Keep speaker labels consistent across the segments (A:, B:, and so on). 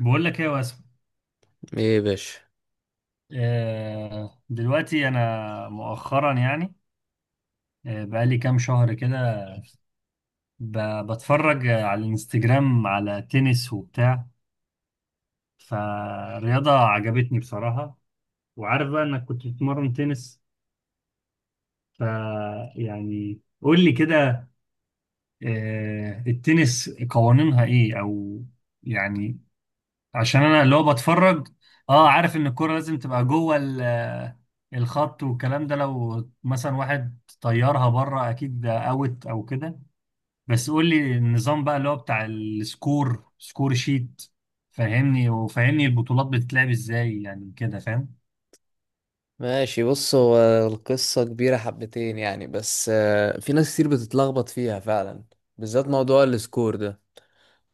A: بقول لك ايه يا واسم؟
B: ايه يا باشا.
A: دلوقتي انا مؤخرا يعني، بقالي كام شهر كده بتفرج على الانستجرام على تنس وبتاع. فالرياضة عجبتني بصراحة، وعارف بقى انك كنت بتتمرن تنس، ف يعني قول لي كده. التنس قوانينها ايه او يعني، عشان انا اللي هو بتفرج. اه عارف ان الكرة لازم تبقى جوه الخط والكلام ده، لو مثلا واحد طيرها بره اكيد ده اوت او كده. بس قول لي النظام بقى اللي هو بتاع السكور سكور شيت، فهمني وفهمني البطولات بتتلعب ازاي يعني، كده فاهم.
B: ماشي، بص هو القصة كبيرة حبتين يعني، بس في ناس كتير بتتلخبط فيها فعلا، بالذات موضوع السكور ده.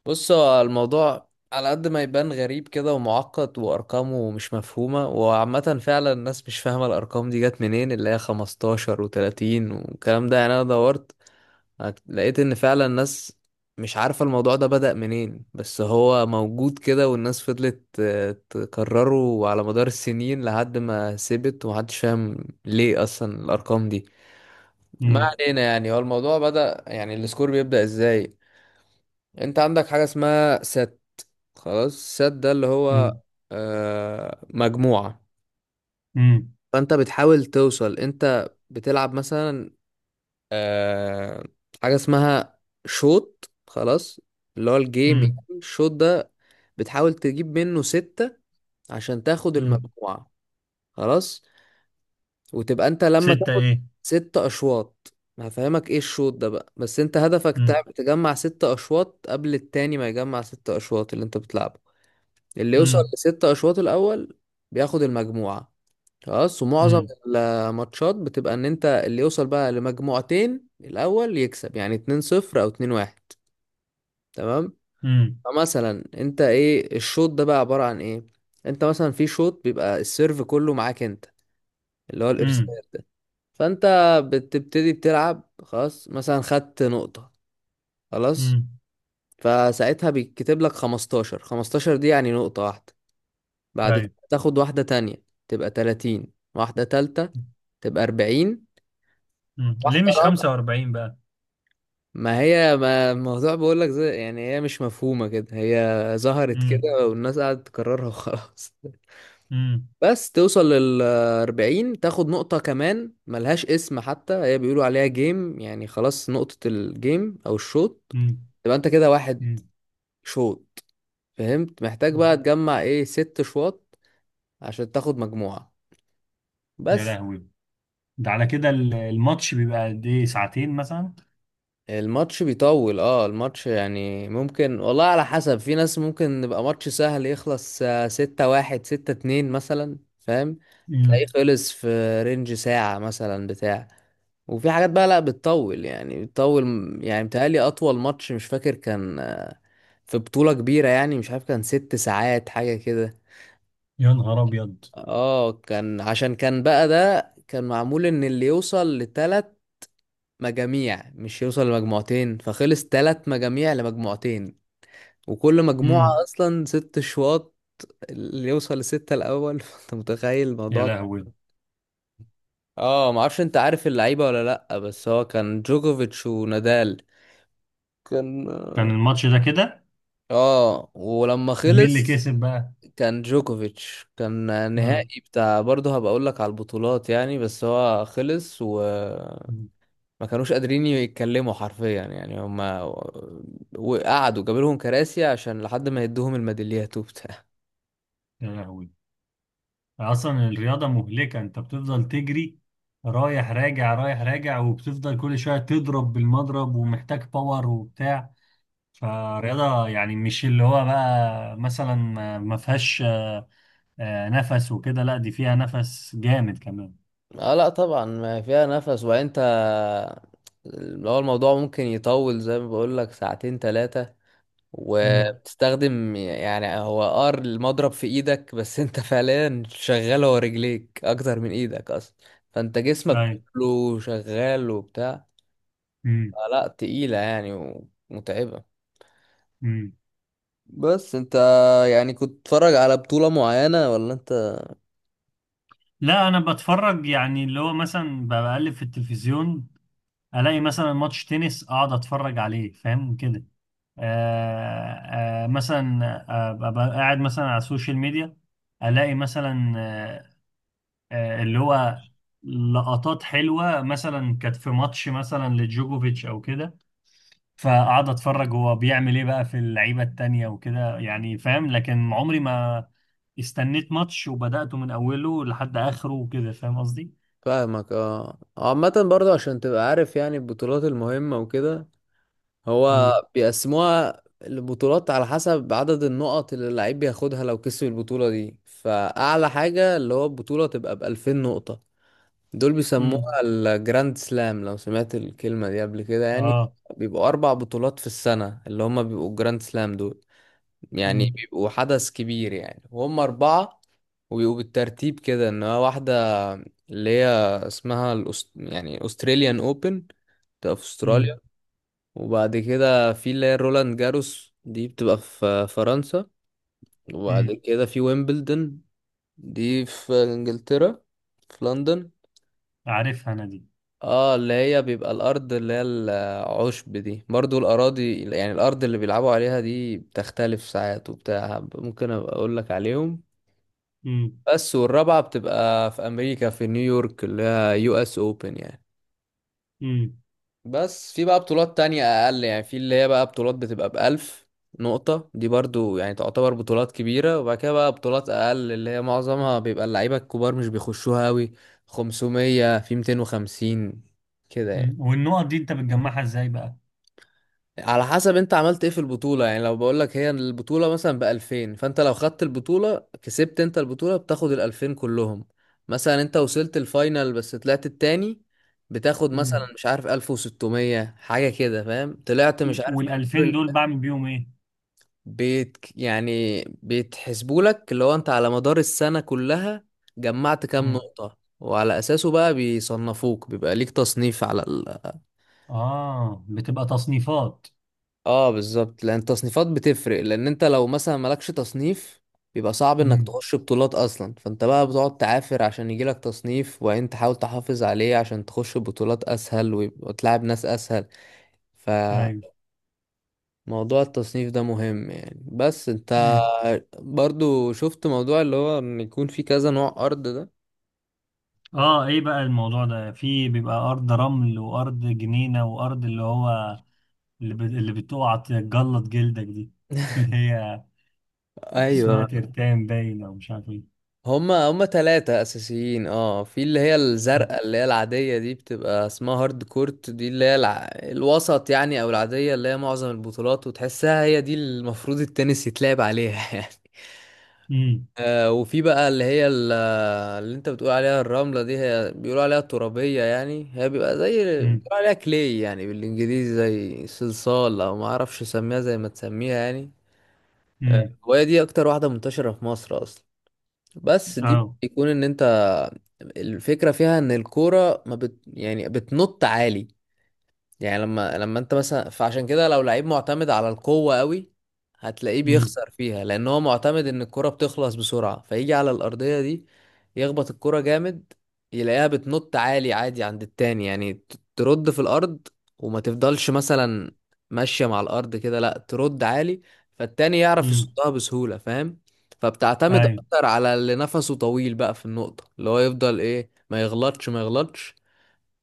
B: بص، هو الموضوع على قد ما يبان غريب كده ومعقد وأرقامه مش مفهومة، وعامة فعلا الناس مش فاهمة الأرقام دي جت منين، اللي هي 15 و30 والكلام ده. يعني أنا دورت، لقيت ان فعلا الناس مش عارفة الموضوع ده بدأ منين، بس هو موجود كده والناس فضلت تكرره على مدار السنين لحد ما سبت ومحدش فاهم ليه اصلا الارقام دي. ما
A: امم.
B: علينا يعني، هو الموضوع بدأ يعني السكور بيبدأ ازاي. انت عندك حاجة اسمها سات، خلاص. سات ده اللي هو
A: امم.
B: مجموعة.
A: امم.
B: فانت بتحاول توصل، انت بتلعب مثلا آه حاجة اسمها شوط، خلاص، اللي هو الجيم،
A: امم.
B: يعني الشوط ده بتحاول تجيب منه ستة عشان تاخد
A: امم.
B: المجموعة، خلاص. وتبقى انت لما
A: ستة
B: تاخد
A: ايه؟
B: ستة أشواط. هفهمك ايه الشوط ده بقى، بس انت هدفك
A: امم.
B: تجمع ستة أشواط قبل التاني ما يجمع ستة أشواط، اللي انت بتلعبه. اللي يوصل
A: امم.
B: لستة أشواط الأول بياخد المجموعة، خلاص. ومعظم
A: امم.
B: الماتشات بتبقى ان انت اللي يوصل بقى لمجموعتين الاول يكسب، يعني 2-0 او 2-1، تمام.
A: امم.
B: فمثلا انت ايه الشوط ده بقى عبارة عن ايه، انت مثلا في شوط بيبقى السيرف كله معاك انت، اللي هو الارسال
A: امم.
B: ده. فانت بتبتدي بتلعب، خلاص، مثلا خدت نقطة، خلاص،
A: امم.
B: فساعتها بيتكتب لك 15. 15 دي يعني نقطة واحدة. بعد كده
A: ايوه.
B: تاخد واحدة تانية، تبقى 30. واحدة تالتة، تبقى 40.
A: امم، ليه
B: واحدة
A: مش
B: رابعة،
A: 45 بقى؟
B: ما الموضوع بقول لك، زي يعني هي مش مفهومة كده، هي ظهرت كده
A: امم.
B: والناس قعدت تكررها وخلاص.
A: امم.
B: بس توصل لل 40، تاخد نقطة كمان ملهاش اسم حتى، هي بيقولوا عليها جيم، يعني خلاص نقطة الجيم أو الشوط، تبقى أنت كده واحد
A: امم.
B: شوط. فهمت؟ محتاج بقى تجمع إيه، ست شواط عشان تاخد مجموعة،
A: يا
B: بس.
A: لهوي. ده على كده الماتش بيبقى قد ايه، ساعتين مثلا؟
B: الماتش بيطول، اه الماتش يعني ممكن، والله على حسب، في ناس ممكن يبقى ماتش سهل يخلص ستة واحد، ستة اتنين مثلا، فاهم؟ تلاقيه
A: امم.
B: خلص في رينج ساعة مثلا بتاع. وفي حاجات بقى لا بتطول، يعني بتطول يعني متهيألي أطول ماتش مش فاكر كان في بطولة كبيرة يعني، مش عارف كان 6 ساعات حاجة كده.
A: يا نهار ابيض.
B: اه، كان عشان كان بقى ده كان معمول ان اللي يوصل لتلات مجاميع، مش يوصل لمجموعتين، فخلص تلات مجاميع لمجموعتين، وكل مجموعة
A: امم.
B: أصلا ست شواط، اللي يوصل لستة الأول. فأنت متخيل
A: يا
B: الموضوع
A: لهوي.
B: اه معرفش، أنت عارف اللعيبة ولا لأ؟ بس هو كان جوكوفيتش ونادال كان.
A: كان الماتش ده كده؟
B: اه، ولما
A: ومين اللي
B: خلص
A: كسب بقى؟
B: كان جوكوفيتش، كان
A: امم.
B: نهائي بتاع، برضه هبقى أقول لك على البطولات يعني. بس هو خلص وما كانوش قادرين يتكلموا حرفيا يعني، هما وقعدوا جابوا لهم كراسي عشان لحد ما يدوهم الميداليات وبتاع.
A: يا لهوي. اصلا الرياضة مهلكة، انت بتفضل تجري رايح راجع رايح راجع، وبتفضل كل شوية تضرب بالمضرب، ومحتاج باور وبتاع. فالرياضة يعني مش اللي هو بقى مثلا ما فيهاش نفس وكده، لا دي فيها نفس جامد كمان.
B: اه لا طبعا ما فيها نفس، وبعدين انت اللي هو الموضوع ممكن يطول زي ما بقول لك ساعتين ثلاثة،
A: امم.
B: وبتستخدم يعني هو ار المضرب في ايدك، بس انت فعليا شغال هو، رجليك اكتر من ايدك اصلا، فانت جسمك كله شغال وبتاع.
A: مم.
B: اه لا تقيلة يعني، ومتعبة.
A: مم.
B: بس انت يعني كنت بتتفرج على بطولة معينة ولا انت؟
A: لا انا بتفرج يعني اللي هو مثلا بقلب في التلفزيون، الاقي مثلا ماتش تنس اقعد اتفرج عليه، فاهم كده. مثلا ابقى قاعد مثلا على السوشيال ميديا، الاقي مثلا اللي هو لقطات حلوة مثلا كانت في ماتش مثلا لجوكوفيتش او كده، فقعد اتفرج هو بيعمل ايه بقى في اللعيبه التانية وكده، يعني فاهم. لكن عمري ما استنيت ماتش وبدأته من اوله لحد اخره، وكده فاهم قصدي؟
B: فاهمك. اه، عامة برضه عشان تبقى عارف يعني البطولات المهمة وكده، هو
A: امم.
B: بيقسموها البطولات على حسب عدد النقط اللي اللعيب بياخدها لو كسب البطولة دي. فأعلى حاجة اللي هو البطولة تبقى بألفين نقطة، دول
A: امم.
B: بيسموها الجراند سلام، لو سمعت الكلمة دي قبل كده يعني.
A: اه.
B: بيبقوا أربع بطولات في السنة اللي هما بيبقوا الجراند سلام دول، يعني
A: امم.
B: بيبقوا حدث كبير يعني، وهم أربعة. وبيبقوا بالترتيب كده، إن هو واحدة اللي هي يعني أستراليان أوبن في
A: امم.
B: أستراليا. وبعد كده في اللي هي روland جاروس، دي بتبقى في فرنسا. وبعد
A: امم.
B: كده في ويمبلدون، دي في انجلترا، في لندن.
A: عارفها انا دي.
B: اه، اللي هي بيبقى الارض اللي هي العشب دي، برضو الاراضي يعني الارض اللي بيلعبوا عليها دي بتختلف ساعات وبتاع، ممكن ابقى اقول لك عليهم
A: امم.
B: بس. والرابعة بتبقى في امريكا، في نيويورك، اللي هي US Open يعني.
A: امم.
B: بس في بقى بطولات تانية أقل، يعني في اللي هي بقى بطولات بتبقى ب1000 نقطة، دي برضو يعني تعتبر بطولات كبيرة. وبعد كده بقى بطولات أقل اللي هي معظمها بيبقى اللعيبة الكبار مش بيخشوها أوي، 500 في 250 كده يعني.
A: أمم. والنقط دي انت بتجمعها ازاي بقى؟
B: على حسب انت عملت ايه في البطولة، يعني لو بقولك هي البطولة مثلا ب2000، فانت لو خدت البطولة، كسبت انت البطولة، بتاخد ال2000 كلهم. مثلا انت وصلت الفاينل بس طلعت التاني، بتاخد مثلا
A: امم.
B: مش عارف 1600 حاجة كده، فاهم؟ طلعت مش عارف
A: وال
B: من الدور
A: 2000 دول بعمل بيهم ايه؟
B: بيت يعني، بيتحسبولك اللي هو انت على مدار السنة كلها جمعت كام
A: امم.
B: نقطة، وعلى أساسه بقى بيصنفوك، بيبقى ليك تصنيف على.
A: اه بتبقى تصنيفات.
B: اه بالظبط، لان التصنيفات بتفرق، لان انت لو مثلا مالكش تصنيف بيبقى صعب انك
A: امم.
B: تخش بطولات اصلا، فانت بقى بتقعد تعافر عشان يجيلك تصنيف، وبعدين تحاول تحافظ عليه عشان تخش بطولات اسهل وتلعب ناس اسهل. فموضوع
A: ايوه.
B: التصنيف ده مهم يعني. بس انت برضو شفت موضوع اللي هو ان يكون في كذا نوع ارض ده.
A: اه، ايه بقى الموضوع ده؟ في بيبقى ارض رمل وارض جنينة وارض اللي هو، اللي بتقع تجلط جلدك دي، اللي هي اسمها
B: ايوه،
A: ترتان باين او مش عارف ايه.
B: هما ثلاثة أساسيين. اه، في اللي هي الزرقاء اللي هي العادية دي، بتبقى اسمها هارد كورت، دي اللي هي الوسط يعني أو العادية، اللي هي معظم البطولات، وتحسها هي دي المفروض التنس يتلعب عليها يعني.
A: امم.
B: آه، وفي بقى اللي هي اللي انت بتقول عليها الرملة دي، هي بيقولوا عليها الترابية يعني. هي بيبقى زي، بيقولوا
A: امم.
B: عليها كلي يعني بالانجليزي، زي صلصال، او ما اعرفش اسميها زي ما تسميها يعني. آه،
A: امم.
B: وهي دي اكتر واحدة منتشرة في مصر اصلا. بس دي
A: اه.
B: بيكون ان انت، الفكرة فيها ان الكورة ما بت يعني بتنط عالي يعني. لما انت مثلا، فعشان كده لو لعيب معتمد على القوة قوي، هتلاقيه
A: امم.
B: بيخسر فيها، لان هو معتمد ان الكرة بتخلص بسرعة، فيجي على الأرضية دي يخبط الكرة جامد، يلاقيها بتنط عالي عادي عند التاني، يعني ترد في الأرض وما تفضلش مثلا ماشية مع الأرض كده، لا، ترد عالي، فالتاني يعرف
A: امم.
B: يصدها بسهولة، فاهم؟ فبتعتمد
A: ايوه.
B: اكتر على اللي نفسه طويل بقى في النقطة، اللي هو يفضل ايه، ما يغلطش.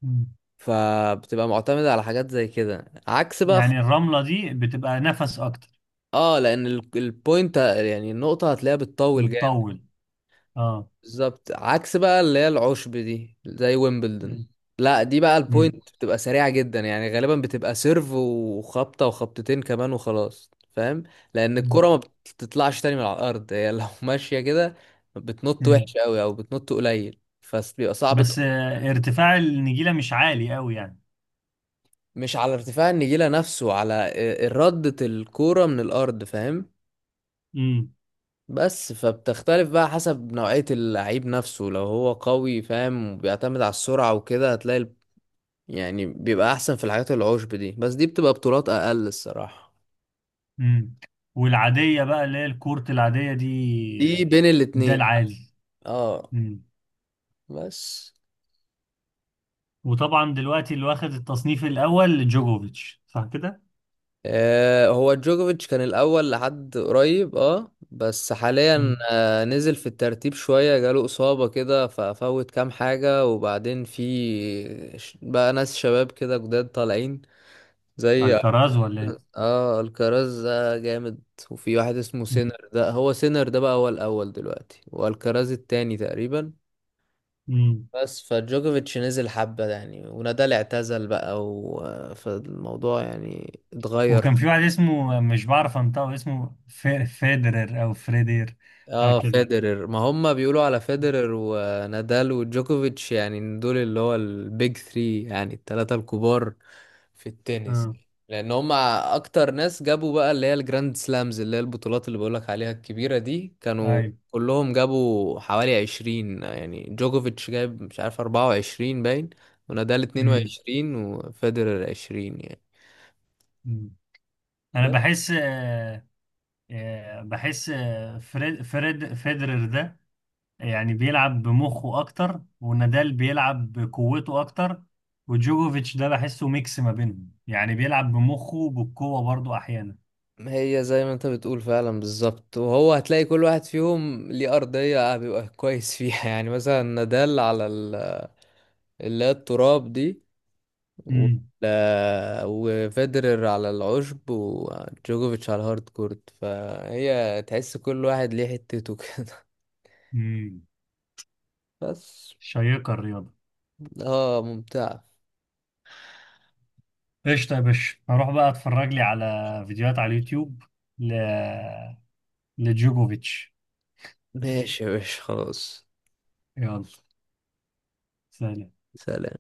A: مم.
B: فبتبقى معتمدة على حاجات زي كده، عكس بقى
A: يعني الرملة دي بتبقى نفس اكتر.
B: اه لان البوينت يعني النقطة هتلاقيها بتطول جامد.
A: بتطول. اه.
B: بالظبط، عكس بقى اللي هي العشب دي زي ويمبلدون،
A: مم.
B: لا دي بقى البوينت
A: مم.
B: بتبقى سريعة جدا يعني، غالبا بتبقى سيرف وخبطة وخبطتين كمان وخلاص، فاهم؟ لان
A: مم.
B: الكرة ما بتطلعش تاني من على الارض، هي لو ماشية كده بتنط
A: مم.
B: وحش قوي، او بتنط قليل، فبيبقى صعب.
A: بس ارتفاع النجيلة مش عالي قوي يعني.
B: مش على ارتفاع النجيلة نفسه، على ردة الكورة من الارض، فاهم؟
A: امم.
B: بس فبتختلف بقى حسب نوعية اللعيب نفسه، لو هو قوي فاهم وبيعتمد على السرعة وكده، هتلاقي يعني بيبقى أحسن في الحاجات العشب دي، بس دي بتبقى بطولات أقل الصراحة.
A: امم. والعادية بقى اللي هي الكورت العادية دي.
B: دي بين
A: ده
B: الاتنين.
A: العادي.
B: اه.
A: مم.
B: بس
A: وطبعا دلوقتي اللي واخد التصنيف الأول جوجوفيتش، صح كده؟
B: آه هو جوكوفيتش كان الأول لحد قريب، اه بس حاليا
A: مم.
B: آه نزل في الترتيب شوية، جاله إصابة كده ففوت كام حاجة، وبعدين في بقى ناس شباب كده جداد طالعين زي،
A: الكراز ولا ايه؟
B: اه الكراز ده جامد، وفي واحد اسمه
A: مم.
B: سينر، ده هو سينر ده بقى هو الاول دلوقتي، والكراز التاني تقريبا.
A: مم.
B: بس فجوكوفيتش نزل حبة يعني، ونادال اعتزل بقى، و... فالموضوع يعني
A: وكان
B: اتغير.
A: في واحد اسمه مش بعرف انطقه، اسمه فيدرر او فريدير، حاجة
B: اه
A: كده.
B: فيدرر، ما هم بيقولوا على فيدرر ونادال وجوكوفيتش يعني دول اللي هو البيج ثري، يعني التلاتة الكبار في التنس،
A: اه.
B: لان هم اكتر ناس جابوا بقى اللي هي الجراند سلامز، اللي هي البطولات اللي بقولك عليها الكبيرة دي، كانوا
A: ايوه.
B: كلهم جابوا حوالي 20 يعني. جوكوفيتش جايب مش عارف 24 باين، ونادال اتنين
A: مم.
B: وعشرين وفيدرر 20 يعني.
A: مم. انا
B: بس
A: بحس آه، آه، بحس آه، فريد فريد فيدرر ده يعني بيلعب بمخه اكتر، ونادال بيلعب بقوته اكتر، وجوجوفيتش ده بحسه ميكس ما بينهم، يعني بيلعب بمخه وبالقوة برضو احيانا.
B: هي زي ما انت بتقول فعلا بالظبط، وهو هتلاقي كل واحد فيهم ليه أرضية بيبقى كويس فيها يعني، مثلا نادال على اللي هي التراب دي، و...
A: امم.
B: وفيدرر على العشب، وجوكوفيتش على الهارد كورت، فهي تحس كل واحد ليه حتته كده.
A: امم.
B: بس.
A: شيقة الرياضة.
B: اه ممتع.
A: قشطة يا باشا، هروح بقى اتفرج لي على فيديوهات على اليوتيوب ل... لجوجوفيتش.
B: ماشي يا باشا، خلاص.
A: يلا. سلام.
B: سلام.